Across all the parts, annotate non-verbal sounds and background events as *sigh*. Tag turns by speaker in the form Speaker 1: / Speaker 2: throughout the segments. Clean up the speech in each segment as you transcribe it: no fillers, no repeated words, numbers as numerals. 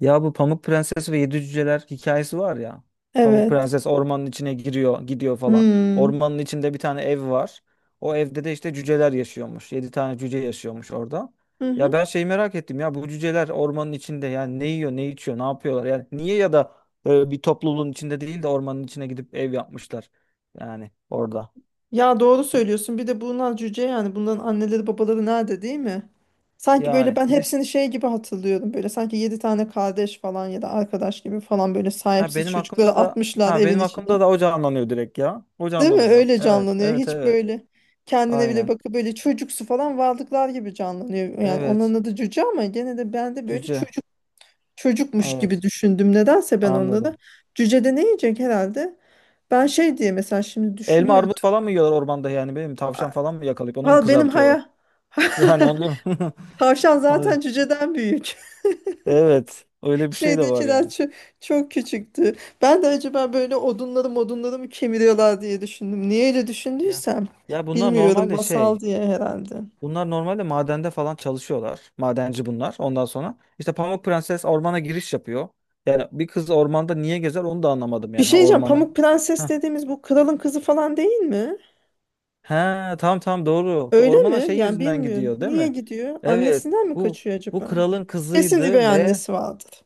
Speaker 1: Ya bu Pamuk Prenses ve Yedi Cüceler hikayesi var ya. Pamuk
Speaker 2: Evet.
Speaker 1: Prenses ormanın içine giriyor, gidiyor falan.
Speaker 2: Hmm.
Speaker 1: Ormanın içinde bir tane ev var. O evde de işte cüceler yaşıyormuş. Yedi tane cüce yaşıyormuş orada.
Speaker 2: Hı
Speaker 1: Ya
Speaker 2: hı.
Speaker 1: ben şey merak ettim ya, bu cüceler ormanın içinde yani ne yiyor, ne içiyor, ne yapıyorlar? Yani niye ya da böyle bir topluluğun içinde değil de ormanın içine gidip ev yapmışlar. Yani orada.
Speaker 2: Ya doğru söylüyorsun. Bir de bunlar cüce yani. Bunların anneleri babaları nerede değil mi? Sanki böyle
Speaker 1: Yani
Speaker 2: ben
Speaker 1: bir de
Speaker 2: hepsini şey gibi hatırlıyorum. Böyle sanki yedi tane kardeş falan ya da arkadaş gibi falan böyle
Speaker 1: ha
Speaker 2: sahipsiz
Speaker 1: benim
Speaker 2: çocukları
Speaker 1: aklımda da
Speaker 2: atmışlar
Speaker 1: ha
Speaker 2: evin
Speaker 1: benim
Speaker 2: içine.
Speaker 1: aklımda da o canlanıyor direkt ya. O
Speaker 2: Değil mi?
Speaker 1: canlanıyor.
Speaker 2: Öyle
Speaker 1: Evet,
Speaker 2: canlanıyor.
Speaker 1: evet,
Speaker 2: Hiç
Speaker 1: evet.
Speaker 2: böyle kendine bile
Speaker 1: Aynen.
Speaker 2: bakıp böyle çocuksu falan varlıklar gibi canlanıyor. Yani onların
Speaker 1: Evet.
Speaker 2: adı cüce ama gene de ben de böyle
Speaker 1: Cüce.
Speaker 2: çocukmuş gibi
Speaker 1: Evet.
Speaker 2: düşündüm. Nedense ben onları.
Speaker 1: Anladım.
Speaker 2: Cüce de ne yiyecek herhalde? Ben şey diye mesela şimdi
Speaker 1: Elma
Speaker 2: düşünüyorum.
Speaker 1: armut falan mı yiyorlar ormanda, yani benim tavşan falan mı yakalayıp onu mu
Speaker 2: Valla benim
Speaker 1: kızartıyorlar? *laughs*
Speaker 2: haya *laughs*
Speaker 1: Yani onu değil mi?
Speaker 2: tavşan
Speaker 1: *laughs* Hadi.
Speaker 2: zaten cüceden büyük.
Speaker 1: Evet.
Speaker 2: *laughs*
Speaker 1: Öyle bir şey de var
Speaker 2: Şeydekiler
Speaker 1: yani.
Speaker 2: çok küçüktü. Ben de acaba böyle odunları modunları mı kemiriyorlar diye düşündüm. Niye öyle
Speaker 1: Ya.
Speaker 2: düşündüysem
Speaker 1: Ya bunlar
Speaker 2: bilmiyorum
Speaker 1: normalde
Speaker 2: masal
Speaker 1: şey.
Speaker 2: diye herhalde.
Speaker 1: Bunlar normalde madende falan çalışıyorlar. Madenci bunlar. Ondan sonra işte Pamuk Prenses ormana giriş yapıyor. Yani bir kız ormanda niye gezer onu da anlamadım
Speaker 2: Bir
Speaker 1: yani.
Speaker 2: şey
Speaker 1: Ha,
Speaker 2: diyeceğim,
Speaker 1: ormana.
Speaker 2: Pamuk Prenses
Speaker 1: Heh.
Speaker 2: dediğimiz bu kralın kızı falan değil mi?
Speaker 1: He, tamam doğru.
Speaker 2: Öyle
Speaker 1: Ormana
Speaker 2: mi?
Speaker 1: şey
Speaker 2: Yani
Speaker 1: yüzünden
Speaker 2: bilmiyorum.
Speaker 1: gidiyor değil
Speaker 2: Niye
Speaker 1: mi?
Speaker 2: gidiyor?
Speaker 1: Evet.
Speaker 2: Annesinden mi
Speaker 1: Bu
Speaker 2: kaçıyor
Speaker 1: bu
Speaker 2: acaba?
Speaker 1: kralın
Speaker 2: Kesin üvey
Speaker 1: kızıydı ve
Speaker 2: annesi vardır.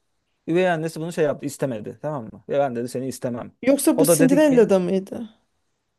Speaker 1: üvey annesi bunu şey yaptı, istemedi, tamam mı? Ve ben dedi seni istemem.
Speaker 2: Yoksa bu
Speaker 1: O da dedi ki
Speaker 2: Cinderella'da mıydı?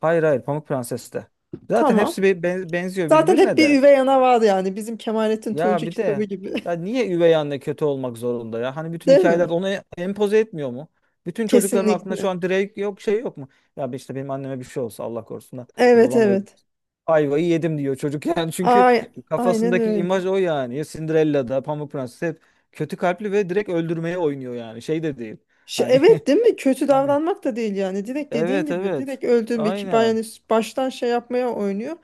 Speaker 1: hayır hayır Pamuk Prenses de. Zaten
Speaker 2: Tamam.
Speaker 1: hepsi benziyor
Speaker 2: Zaten hep
Speaker 1: birbirine
Speaker 2: bir
Speaker 1: de.
Speaker 2: üvey ana vardı yani. Bizim Kemalettin
Speaker 1: Ya
Speaker 2: Tuğcu
Speaker 1: bir
Speaker 2: kitabı
Speaker 1: de
Speaker 2: gibi.
Speaker 1: ya
Speaker 2: *laughs*
Speaker 1: niye üvey anne kötü olmak zorunda ya? Hani bütün
Speaker 2: Değil mi?
Speaker 1: hikayeler onu empoze etmiyor mu? Bütün çocukların aklında şu
Speaker 2: Kesinlikle.
Speaker 1: an direkt yok şey yok mu? Ya işte benim anneme bir şey olsa Allah korusun da hani
Speaker 2: Evet,
Speaker 1: babam ev
Speaker 2: evet.
Speaker 1: ayvayı yedim diyor çocuk *laughs* yani, çünkü
Speaker 2: Ay, aynen
Speaker 1: kafasındaki
Speaker 2: öyle.
Speaker 1: imaj o yani. Ya Cinderella'da Pamuk Prenses hep kötü kalpli ve direkt öldürmeye oynuyor, yani şey de değil.
Speaker 2: Şu,
Speaker 1: Hani *laughs*
Speaker 2: evet değil mi? Kötü davranmak da değil yani. Direkt dediğin
Speaker 1: Evet,
Speaker 2: gibi
Speaker 1: evet.
Speaker 2: direkt öldürme ki ben
Speaker 1: Aynen.
Speaker 2: yani baştan şey yapmaya oynuyor.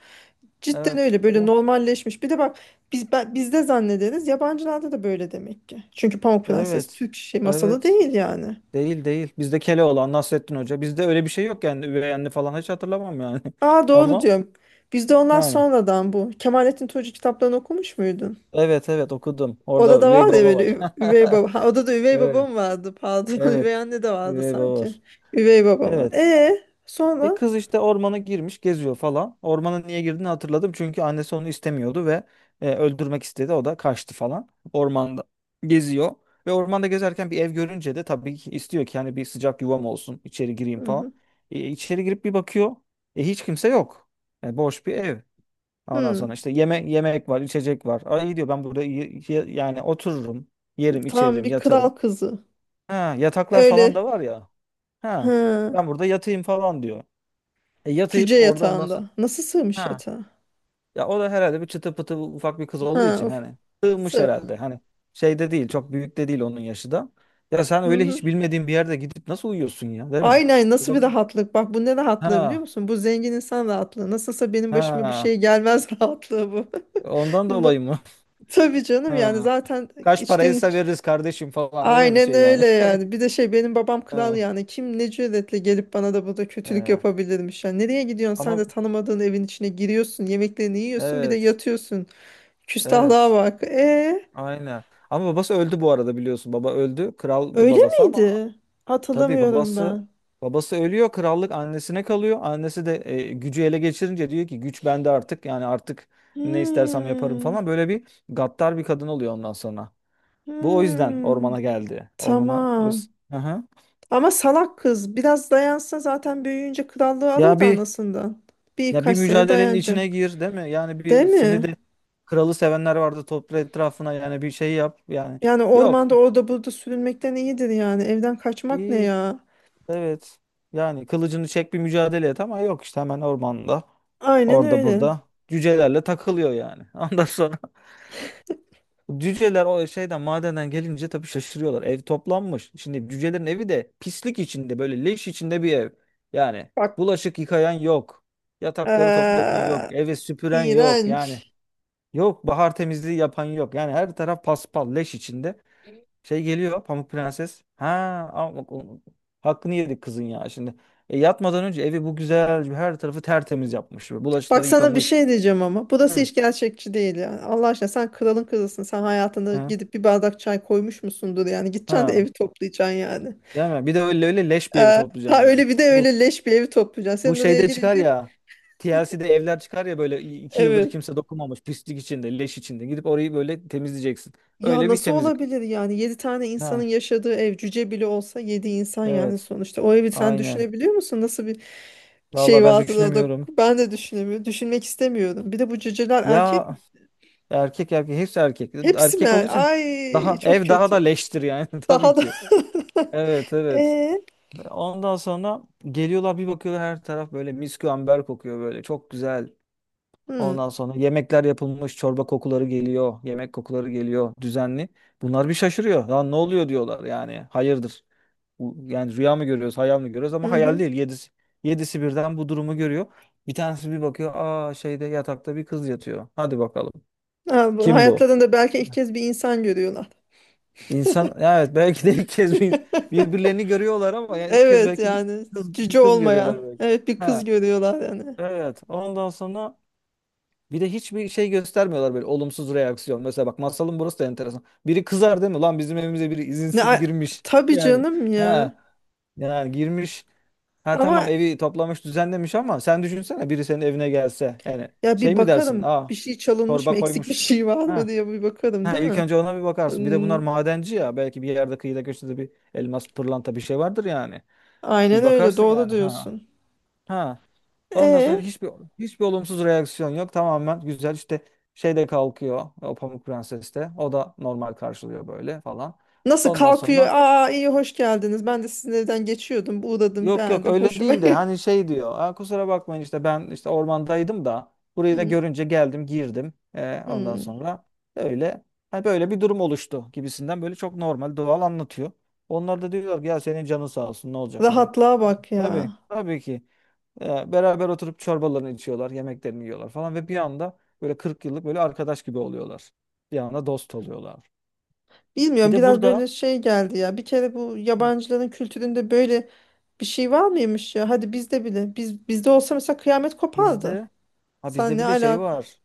Speaker 2: Cidden
Speaker 1: Evet
Speaker 2: öyle böyle
Speaker 1: bu.
Speaker 2: normalleşmiş. Bir de bak bizde zannederiz yabancılarda da böyle demek ki. Çünkü Pamuk Prenses
Speaker 1: Evet.
Speaker 2: Türk şey masalı
Speaker 1: Evet.
Speaker 2: değil yani.
Speaker 1: Değil değil. Bizde Keloğlan, Nasrettin Hoca. Bizde öyle bir şey yok yani. Üvey anne falan hiç hatırlamam yani.
Speaker 2: Aa
Speaker 1: *laughs*
Speaker 2: doğru
Speaker 1: Ama
Speaker 2: diyorum. Bizde ondan
Speaker 1: yani.
Speaker 2: sonradan bu. Kemalettin Tuğcu kitaplarını okumuş muydun?
Speaker 1: Evet evet, okudum. Orada var.
Speaker 2: Orada var
Speaker 1: Üvey
Speaker 2: ya
Speaker 1: baba
Speaker 2: böyle
Speaker 1: var.
Speaker 2: üvey baba. Ha,
Speaker 1: *laughs*
Speaker 2: orada da üvey
Speaker 1: Evet.
Speaker 2: babam vardı, pardon. *laughs* Üvey
Speaker 1: Evet.
Speaker 2: anne de vardı
Speaker 1: Üvey baba
Speaker 2: sanki.
Speaker 1: var.
Speaker 2: Üvey babam vardı.
Speaker 1: Evet.
Speaker 2: E
Speaker 1: E
Speaker 2: sonra?
Speaker 1: kız işte ormana girmiş, geziyor falan. Ormana niye girdiğini hatırladım. Çünkü annesi onu istemiyordu ve öldürmek istedi. O da kaçtı falan. Ormanda geziyor. Ve ormanda gezerken bir ev görünce de tabii ki istiyor ki yani bir sıcak yuvam olsun, içeri gireyim
Speaker 2: Hı
Speaker 1: falan.
Speaker 2: hı.
Speaker 1: İçeri girip bir bakıyor. Hiç kimse yok. Boş bir ev. Ondan sonra
Speaker 2: Hı.
Speaker 1: işte yeme yemek var, içecek var. Ay iyi diyor ben burada yani otururum, yerim,
Speaker 2: Tam
Speaker 1: içerim,
Speaker 2: bir kral
Speaker 1: yatarım.
Speaker 2: kızı.
Speaker 1: Ha, yataklar falan
Speaker 2: Öyle.
Speaker 1: da var ya. Ha,
Speaker 2: Ha.
Speaker 1: ben burada yatayım falan diyor.
Speaker 2: Cüce
Speaker 1: Yatayıp orada ondan sonra
Speaker 2: yatağında. Nasıl sığmış
Speaker 1: Ha.
Speaker 2: yatağa?
Speaker 1: Ya o da herhalde bir çıtı pıtı ufak bir kız olduğu
Speaker 2: Ha,
Speaker 1: için
Speaker 2: of.
Speaker 1: hani sığmış
Speaker 2: Sığ.
Speaker 1: herhalde. Hani şeyde değil, çok büyük de değil onun yaşı da. Ya sen
Speaker 2: Hı
Speaker 1: öyle
Speaker 2: hı.
Speaker 1: hiç bilmediğin bir yerde gidip nasıl uyuyorsun ya, değil mi?
Speaker 2: Aynen, nasıl bir
Speaker 1: Olabilir.
Speaker 2: rahatlık. Bak bu ne rahatlığı biliyor
Speaker 1: Ha.
Speaker 2: musun? Bu zengin insan rahatlığı. Nasılsa benim başıma bir şey
Speaker 1: Ha.
Speaker 2: gelmez *laughs* rahatlığı bu.
Speaker 1: Ondan
Speaker 2: *laughs* No.
Speaker 1: dolayı mı? *laughs*
Speaker 2: Tabii canım yani
Speaker 1: Ha.
Speaker 2: zaten
Speaker 1: Kaç
Speaker 2: içten
Speaker 1: paraysa
Speaker 2: iç.
Speaker 1: veririz kardeşim falan öyle bir
Speaker 2: Aynen
Speaker 1: şey
Speaker 2: öyle
Speaker 1: yani.
Speaker 2: yani. Bir
Speaker 1: *laughs*
Speaker 2: de şey, benim babam kral
Speaker 1: Ha.
Speaker 2: yani. Kim ne cüretle gelip bana da burada kötülük
Speaker 1: Ha.
Speaker 2: yapabilirmiş. Yani nereye gidiyorsun? Sen
Speaker 1: Ama
Speaker 2: de tanımadığın evin içine giriyorsun. Yemeklerini yiyorsun. Bir de
Speaker 1: evet.
Speaker 2: yatıyorsun. Küstahlığa
Speaker 1: Evet.
Speaker 2: bak. E
Speaker 1: Aynen. Ama babası öldü bu arada biliyorsun. Baba öldü. Kraldı
Speaker 2: öyle
Speaker 1: babası ama
Speaker 2: miydi?
Speaker 1: tabii
Speaker 2: Hatırlamıyorum
Speaker 1: babası
Speaker 2: ben.
Speaker 1: babası ölüyor, krallık annesine kalıyor. Annesi de gücü ele geçirince diyor ki güç bende artık. Yani artık ne istersem yaparım
Speaker 2: Hmm,
Speaker 1: falan. Böyle bir gaddar bir kadın oluyor ondan sonra. Bu o yüzden ormana
Speaker 2: hmm.
Speaker 1: geldi. Ormana o
Speaker 2: Tamam.
Speaker 1: yüz- Hı hı.
Speaker 2: Ama salak kız. Biraz dayansa zaten büyüyünce krallığı alır
Speaker 1: Ya
Speaker 2: da
Speaker 1: bir
Speaker 2: anasından.
Speaker 1: ya bir
Speaker 2: Birkaç sene
Speaker 1: mücadelenin
Speaker 2: dayanacak.
Speaker 1: içine gir, değil mi? Yani
Speaker 2: Değil
Speaker 1: bir, seni
Speaker 2: mi?
Speaker 1: de kralı sevenler vardı, topla etrafına yani bir şey yap yani.
Speaker 2: Yani
Speaker 1: Yok.
Speaker 2: ormanda orada burada sürünmekten iyidir yani. Evden kaçmak ne ya?
Speaker 1: Evet. Yani kılıcını çek bir mücadele et, ama yok işte hemen ormanda.
Speaker 2: Aynen
Speaker 1: Orada
Speaker 2: öyle.
Speaker 1: burada. Cücelerle takılıyor yani. *laughs* Ondan sonra cüceler o şeyden madenden gelince tabii şaşırıyorlar. Ev toplanmış. Şimdi cücelerin evi de pislik içinde böyle leş içinde bir ev. Yani
Speaker 2: Bak,
Speaker 1: bulaşık yıkayan yok. Yatakları toplayan yok.
Speaker 2: eee,
Speaker 1: Evi süpüren yok. Yani
Speaker 2: iğrenç.
Speaker 1: yok, bahar temizliği yapan yok. Yani her taraf paspal leş içinde. Şey geliyor Pamuk Prenses. Ha ama bak o- hakkını yedik kızın ya şimdi. Yatmadan önce evi bu güzel her tarafı tertemiz yapmış.
Speaker 2: Bak
Speaker 1: Bulaşıkları
Speaker 2: sana bir
Speaker 1: yıkamış.
Speaker 2: şey diyeceğim ama. Burası
Speaker 1: Hı.
Speaker 2: hiç gerçekçi değil yani. Allah aşkına sen kralın kızısın. Sen hayatında
Speaker 1: Hı.
Speaker 2: gidip bir bardak çay koymuş musundur yani. Gideceksin de
Speaker 1: Ha,
Speaker 2: evi toplayacaksın yani.
Speaker 1: değil mi? Bir de öyle öyle leş bir evi toplayacaksın
Speaker 2: Ha
Speaker 1: yani.
Speaker 2: öyle, bir de
Speaker 1: Bu
Speaker 2: öyle leş bir evi toplayacaksın.
Speaker 1: bu
Speaker 2: Sen oraya
Speaker 1: şeyde çıkar
Speaker 2: gidince,
Speaker 1: ya. TLC'de evler çıkar ya, böyle iki yıldır
Speaker 2: evet.
Speaker 1: kimse dokunmamış pislik içinde leş içinde, gidip orayı böyle temizleyeceksin.
Speaker 2: Ya
Speaker 1: Öyle bir
Speaker 2: nasıl
Speaker 1: temizlik.
Speaker 2: olabilir yani, 7 tane insanın
Speaker 1: Ha,
Speaker 2: yaşadığı ev, cüce bile olsa 7 insan yani
Speaker 1: evet
Speaker 2: sonuçta. O evi sen
Speaker 1: aynen.
Speaker 2: düşünebiliyor musun? Nasıl bir şey
Speaker 1: Vallahi ben
Speaker 2: vardı orada?
Speaker 1: düşünemiyorum.
Speaker 2: Ben de düşünemiyorum. Düşünmek istemiyorum. Bir de bu cüceler
Speaker 1: Ya
Speaker 2: erkek mi?
Speaker 1: Erkek, hepsi erkek.
Speaker 2: Hepsi mi?
Speaker 1: Erkek olduğu için
Speaker 2: Ay
Speaker 1: daha
Speaker 2: çok
Speaker 1: ev daha da
Speaker 2: kötü.
Speaker 1: leştir yani *laughs* tabii
Speaker 2: Daha da. *laughs*
Speaker 1: ki. Evet evet.
Speaker 2: Ee?
Speaker 1: Ondan sonra geliyorlar bir bakıyorlar her taraf böyle miskü amber kokuyor böyle çok güzel.
Speaker 2: Hı,
Speaker 1: Ondan sonra yemekler yapılmış, çorba kokuları geliyor. Yemek kokuları geliyor düzenli. Bunlar bir şaşırıyor. Lan ne oluyor diyorlar yani hayırdır. Bu- Yani rüya mı görüyoruz hayal mi görüyoruz, ama
Speaker 2: hı
Speaker 1: hayal
Speaker 2: hı.
Speaker 1: değil. Yedisi birden bu durumu görüyor. Bir tanesi bir bakıyor, aa şeyde yatakta bir kız yatıyor. Hadi bakalım
Speaker 2: Ha, bu
Speaker 1: kim bu?
Speaker 2: hayatlarında belki ilk kez bir insan görüyorlar.
Speaker 1: İnsan evet, belki de ilk kez bir, birbirlerini görüyorlar ama yani ilk kez
Speaker 2: Evet
Speaker 1: belki bir
Speaker 2: yani,
Speaker 1: kız bir
Speaker 2: cüce
Speaker 1: kız
Speaker 2: olmayan.
Speaker 1: görüyorlar belki.
Speaker 2: Evet bir kız
Speaker 1: Ha
Speaker 2: görüyorlar yani.
Speaker 1: evet. Ondan sonra bir de hiçbir şey göstermiyorlar böyle olumsuz reaksiyon. Mesela bak masalın burası da enteresan. Biri kızar değil mi? Lan bizim evimize biri
Speaker 2: Ne,
Speaker 1: izinsiz girmiş. *laughs*
Speaker 2: tabii
Speaker 1: Yani
Speaker 2: canım ya.
Speaker 1: ha yani girmiş. Ha tamam,
Speaker 2: Ama
Speaker 1: evi toplamış düzenlemiş, ama sen düşünsene biri senin evine gelse. Yani
Speaker 2: Ya bir
Speaker 1: şey mi dersin?
Speaker 2: bakarım, bir
Speaker 1: Aa
Speaker 2: şey çalınmış mı,
Speaker 1: çorba
Speaker 2: eksik bir
Speaker 1: koymuş.
Speaker 2: şey var mı
Speaker 1: Ha
Speaker 2: diye bir bakarım
Speaker 1: Ha,
Speaker 2: değil
Speaker 1: ilk
Speaker 2: mi?
Speaker 1: önce ona bir bakarsın. Bir de bunlar
Speaker 2: Hmm,
Speaker 1: madenci ya. Belki bir yerde kıyıda köşede bir elmas, pırlanta bir şey vardır yani.
Speaker 2: aynen
Speaker 1: Bir
Speaker 2: öyle,
Speaker 1: bakarsın
Speaker 2: doğru
Speaker 1: yani. Ha.
Speaker 2: diyorsun.
Speaker 1: Ha. Ondan sonra
Speaker 2: E
Speaker 1: hiçbir olumsuz reaksiyon yok. Tamamen güzel işte şey de kalkıyor. O Pamuk Prenses de. O da normal karşılıyor böyle falan.
Speaker 2: nasıl
Speaker 1: Ondan
Speaker 2: kalkıyor?
Speaker 1: sonra
Speaker 2: Aa iyi hoş geldiniz. Ben de sizin evden geçiyordum. Uğradım,
Speaker 1: yok yok
Speaker 2: beğendim.
Speaker 1: öyle
Speaker 2: Hoşuma.
Speaker 1: değil de hani
Speaker 2: *laughs*
Speaker 1: şey diyor. "Aa, kusura bakmayın işte ben işte ormandaydım da burayı da
Speaker 2: Hmm,
Speaker 1: görünce geldim girdim. Ondan
Speaker 2: hmm.
Speaker 1: sonra öyle hani böyle bir durum oluştu" gibisinden böyle çok normal doğal anlatıyor. Onlar da diyorlar ki ya senin canın sağ olsun ne olacak hani.
Speaker 2: Rahatlığa bak
Speaker 1: Tabii
Speaker 2: ya.
Speaker 1: tabii ki beraber oturup çorbalarını içiyorlar, yemeklerini yiyorlar falan ve bir anda böyle 40 yıllık böyle arkadaş gibi oluyorlar. Bir anda dost oluyorlar. Bir
Speaker 2: Bilmiyorum,
Speaker 1: de
Speaker 2: biraz
Speaker 1: burada
Speaker 2: böyle şey geldi ya. Bir kere bu
Speaker 1: Hı.
Speaker 2: yabancıların kültüründe böyle bir şey var mıymış ya? Hadi bizde bile. Biz bizde olsa mesela kıyamet kopardı.
Speaker 1: bizde ha
Speaker 2: Sen
Speaker 1: bizde
Speaker 2: ne
Speaker 1: bir de şey
Speaker 2: alaka?
Speaker 1: var.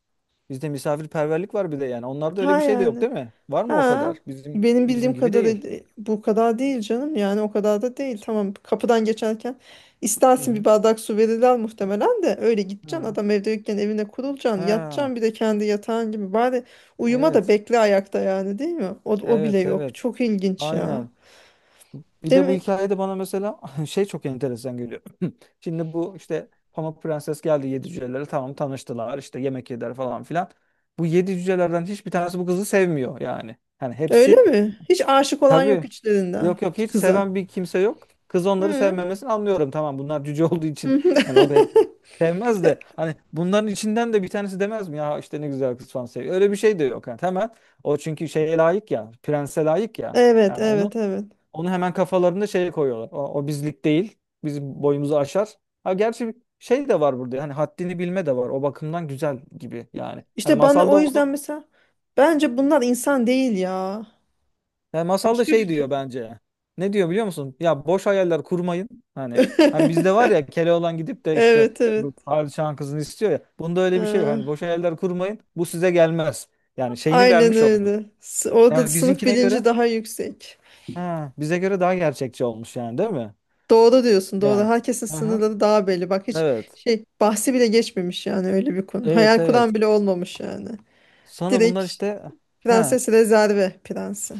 Speaker 1: Bizde misafirperverlik var bir de yani. Onlarda öyle
Speaker 2: Ha
Speaker 1: bir şey de yok
Speaker 2: yani.
Speaker 1: değil mi? Var mı o
Speaker 2: Ha,
Speaker 1: kadar? Bizim
Speaker 2: benim
Speaker 1: bizim
Speaker 2: bildiğim
Speaker 1: gibi değil.
Speaker 2: kadarıyla bu kadar değil canım. Yani o kadar da değil. Tamam, kapıdan geçerken
Speaker 1: Hı
Speaker 2: istersin bir
Speaker 1: hı.
Speaker 2: bardak su verirler muhtemelen de öyle gideceksin.
Speaker 1: Ha.
Speaker 2: Adam evde yokken evine kurulacaksın.
Speaker 1: Ha.
Speaker 2: Yatacaksın bir de kendi yatağın gibi. Bari uyuma da
Speaker 1: Evet.
Speaker 2: bekle ayakta yani, değil mi? O, o bile
Speaker 1: Evet,
Speaker 2: yok.
Speaker 1: evet.
Speaker 2: Çok ilginç ya.
Speaker 1: Aynen. Bir
Speaker 2: Değil
Speaker 1: de bu
Speaker 2: mi?
Speaker 1: hikayede bana mesela *laughs* şey çok enteresan geliyor. *clears throat* Şimdi bu işte Pamuk Prenses geldi, yedi cücelere tamam tanıştılar işte yemek yediler falan filan. Bu yedi cücelerden hiçbir tanesi bu kızı sevmiyor yani. Hani
Speaker 2: Öyle
Speaker 1: hepsi
Speaker 2: mi? Hiç aşık olan yok
Speaker 1: Tabii.
Speaker 2: içlerinden
Speaker 1: Yok yok hiç
Speaker 2: kıza.
Speaker 1: seven bir kimse yok. Kız onları
Speaker 2: Hı.
Speaker 1: sevmemesini anlıyorum. Tamam bunlar cüce *laughs* olduğu için.
Speaker 2: *laughs*
Speaker 1: Hani o belki sevmez de hani bunların içinden de bir tanesi demez mi ya işte ne güzel kız falan seviyor. Öyle bir şey de yok. Yani hemen o çünkü şeye layık ya. Prense layık ya.
Speaker 2: Evet,
Speaker 1: Yani onu
Speaker 2: evet, evet.
Speaker 1: onu hemen kafalarında şeye koyuyorlar. O, o bizlik değil. Bizim boyumuzu aşar. Ha gerçi şey de var burada. Hani haddini bilme de var. O bakımdan güzel gibi yani. Hani
Speaker 2: İşte bana
Speaker 1: masalda
Speaker 2: o
Speaker 1: onu
Speaker 2: yüzden mesela bence bunlar insan değil ya.
Speaker 1: Yani masalda
Speaker 2: Başka
Speaker 1: şey
Speaker 2: bir şey.
Speaker 1: diyor bence. Ne diyor biliyor musun? Ya boş hayaller kurmayın. Hani hani bizde
Speaker 2: *laughs*
Speaker 1: var ya Keloğlan gidip de işte
Speaker 2: Evet, evet.
Speaker 1: bu padişahın kızını istiyor ya. Bunda öyle bir şey yok.
Speaker 2: Ee,
Speaker 1: Hani boş hayaller kurmayın. Bu size gelmez. Yani şeyini
Speaker 2: aynen
Speaker 1: vermiş orada.
Speaker 2: öyle. Orada da
Speaker 1: Yani
Speaker 2: sınıf
Speaker 1: bizimkine
Speaker 2: bilinci
Speaker 1: göre
Speaker 2: daha yüksek.
Speaker 1: ha, bize göre daha gerçekçi olmuş yani değil mi?
Speaker 2: Doğru diyorsun, doğru.
Speaker 1: Yani.
Speaker 2: Herkesin
Speaker 1: Aha.
Speaker 2: sınırları daha belli. Bak hiç
Speaker 1: Evet.
Speaker 2: şey bahsi bile geçmemiş yani öyle bir konu.
Speaker 1: Evet
Speaker 2: Hayal kuran
Speaker 1: evet.
Speaker 2: bile olmamış yani.
Speaker 1: Sonra
Speaker 2: Direkt
Speaker 1: bunlar işte ha.
Speaker 2: prenses rezerve prensi.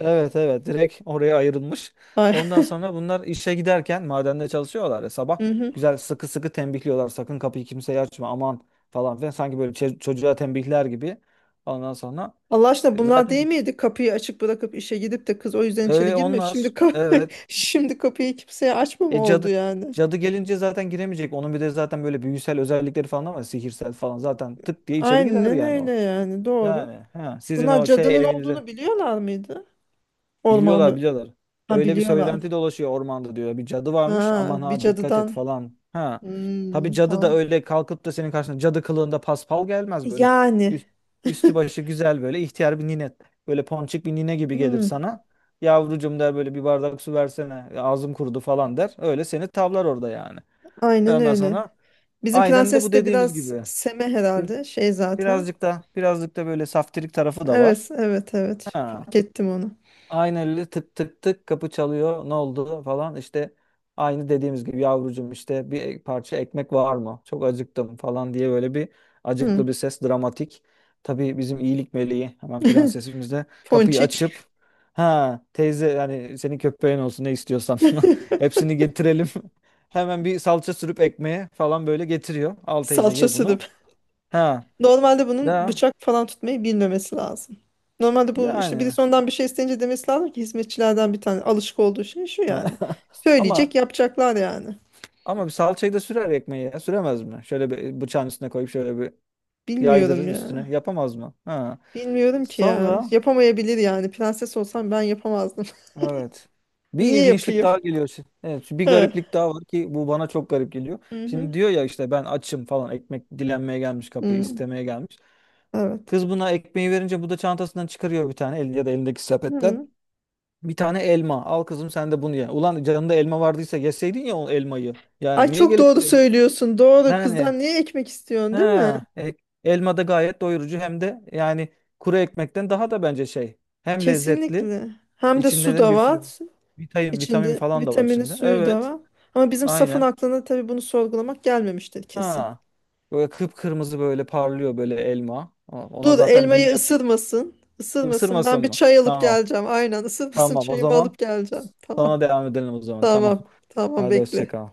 Speaker 1: Evet evet, direkt oraya ayrılmış.
Speaker 2: Ay.
Speaker 1: Ondan sonra bunlar işe giderken madende çalışıyorlar ya
Speaker 2: *laughs*
Speaker 1: sabah,
Speaker 2: Hı hı.
Speaker 1: güzel sıkı sıkı tembihliyorlar sakın kapıyı kimseye açma aman falan filan sanki böyle çocuğa tembihler gibi. Ondan sonra
Speaker 2: Allah aşkına bunlar değil
Speaker 1: zaten
Speaker 2: miydi? Kapıyı açık bırakıp işe gidip de kız o yüzden içeri girme.
Speaker 1: onlar
Speaker 2: Şimdi kapı,
Speaker 1: evet
Speaker 2: *laughs* şimdi kapıyı kimseye açma mı
Speaker 1: e,
Speaker 2: oldu
Speaker 1: cadı
Speaker 2: yani?
Speaker 1: cadı gelince zaten giremeyecek. Onun bir de zaten böyle büyüsel özellikleri falan var, sihirsel falan, zaten tık diye içeri girer
Speaker 2: Aynen
Speaker 1: yani
Speaker 2: öyle
Speaker 1: o.
Speaker 2: yani, doğru.
Speaker 1: Yani he, sizin
Speaker 2: Bunlar
Speaker 1: o şey
Speaker 2: cadının
Speaker 1: evinize
Speaker 2: olduğunu biliyorlar mıydı?
Speaker 1: Biliyorlar
Speaker 2: Ormanda.
Speaker 1: biliyorlar.
Speaker 2: Ha
Speaker 1: Öyle bir söylenti
Speaker 2: biliyorlar.
Speaker 1: dolaşıyor ormanda diyor. Bir cadı varmış
Speaker 2: Ha
Speaker 1: aman
Speaker 2: bir
Speaker 1: ha dikkat et
Speaker 2: cadıdan.
Speaker 1: falan. Ha. Tabii
Speaker 2: Hmm,
Speaker 1: cadı da
Speaker 2: tamam.
Speaker 1: öyle kalkıp da senin karşına cadı kılığında paspal gelmez böyle.
Speaker 2: Yani.
Speaker 1: Üst- üstü başı güzel böyle ihtiyar bir nine. Böyle ponçik bir nine gibi gelir
Speaker 2: Hmm,
Speaker 1: sana. Yavrucum der böyle bir bardak su versene. Ağzım kurudu falan der. Öyle seni tavlar orada yani.
Speaker 2: aynen
Speaker 1: Ondan
Speaker 2: öyle.
Speaker 1: sonra
Speaker 2: Bizim
Speaker 1: aynen de bu
Speaker 2: prenses de
Speaker 1: dediğimiz
Speaker 2: biraz
Speaker 1: gibi.
Speaker 2: seme
Speaker 1: Bir-
Speaker 2: herhalde. Şey zaten.
Speaker 1: birazcık da böyle saftirik tarafı da
Speaker 2: Evet,
Speaker 1: var.
Speaker 2: evet, evet.
Speaker 1: Ha.
Speaker 2: Fark ettim onu.
Speaker 1: Aynı elle tık tık tık kapı çalıyor. Ne oldu falan işte aynı dediğimiz gibi yavrucum işte bir parça ekmek var mı? Çok acıktım falan diye böyle bir acıklı
Speaker 2: Hmm.
Speaker 1: bir ses dramatik. Tabii bizim iyilik meleği hemen
Speaker 2: *laughs*
Speaker 1: prensesimiz de kapıyı açıp
Speaker 2: Ponçik.
Speaker 1: ha teyze yani senin köpeğin olsun ne istiyorsan *laughs*
Speaker 2: *laughs*
Speaker 1: hepsini getirelim. *laughs* Hemen bir salça sürüp ekmeğe falan böyle getiriyor. Al teyze
Speaker 2: Salça
Speaker 1: ye bunu.
Speaker 2: sürüp.
Speaker 1: Ha
Speaker 2: Normalde bunun
Speaker 1: da
Speaker 2: bıçak falan tutmayı bilmemesi lazım. Normalde bu işte
Speaker 1: yani
Speaker 2: birisi ondan bir şey isteyince demesi lazım ki, hizmetçilerden bir tane alışık olduğu şey şu yani.
Speaker 1: *laughs* Ama
Speaker 2: Söyleyecek yapacaklar yani.
Speaker 1: Ama bir salçayı da sürer ekmeği ya. Süremez mi? Şöyle bir bıçağın üstüne koyup şöyle bir
Speaker 2: Bilmiyorum
Speaker 1: yaydırır
Speaker 2: ya.
Speaker 1: üstüne. Yapamaz mı? Ha.
Speaker 2: Bilmiyorum ki ya.
Speaker 1: Sonra
Speaker 2: Yapamayabilir yani. Prenses olsam ben yapamazdım.
Speaker 1: evet.
Speaker 2: *laughs*
Speaker 1: Bir
Speaker 2: Niye
Speaker 1: ilginçlik
Speaker 2: yapayım?
Speaker 1: daha geliyor şimdi. Evet, bir
Speaker 2: Hı.
Speaker 1: gariplik daha var ki bu bana çok garip geliyor.
Speaker 2: Hı-hı.
Speaker 1: Şimdi diyor ya işte ben açım falan, ekmek dilenmeye gelmiş,
Speaker 2: Hı.
Speaker 1: kapıyı
Speaker 2: Hı.
Speaker 1: istemeye gelmiş.
Speaker 2: Evet.
Speaker 1: Kız buna ekmeği verince bu da çantasından çıkarıyor bir tane el ya da elindeki sepetten
Speaker 2: Hı.
Speaker 1: bir tane elma. Al kızım sen de bunu ye. Ulan canında elma vardıysa yeseydin ya o elmayı. Yani
Speaker 2: Ay
Speaker 1: niye
Speaker 2: çok
Speaker 1: gelip
Speaker 2: doğru
Speaker 1: de-
Speaker 2: söylüyorsun. Doğru.
Speaker 1: yani
Speaker 2: Kızdan niye ekmek istiyorsun, değil mi?
Speaker 1: Ha, elma da gayet doyurucu hem de yani kuru ekmekten daha da bence şey. Hem lezzetli,
Speaker 2: Kesinlikle. Hem de
Speaker 1: içinde
Speaker 2: su
Speaker 1: de
Speaker 2: da
Speaker 1: bir sürü
Speaker 2: var.
Speaker 1: vitamin, vitamin
Speaker 2: İçinde
Speaker 1: falan da var
Speaker 2: vitamini
Speaker 1: içinde.
Speaker 2: suyu da
Speaker 1: Evet,
Speaker 2: var. Ama bizim safın
Speaker 1: aynen.
Speaker 2: aklına tabii bunu sorgulamak gelmemiştir kesin.
Speaker 1: Ha, böyle kıpkırmızı böyle parlıyor böyle elma. Ama ona
Speaker 2: Dur
Speaker 1: zaten büyü
Speaker 2: elmayı
Speaker 1: yap.
Speaker 2: ısırmasın. Isırmasın. Ben
Speaker 1: Isırmasın
Speaker 2: bir
Speaker 1: mı?
Speaker 2: çay alıp
Speaker 1: Tamam.
Speaker 2: geleceğim. Aynen ısırmasın,
Speaker 1: Tamam o
Speaker 2: çayımı
Speaker 1: zaman.
Speaker 2: alıp geleceğim. Tamam.
Speaker 1: Sonra devam edelim o zaman. Tamam.
Speaker 2: Tamam. Tamam
Speaker 1: Hadi hoşça
Speaker 2: bekle.
Speaker 1: kal.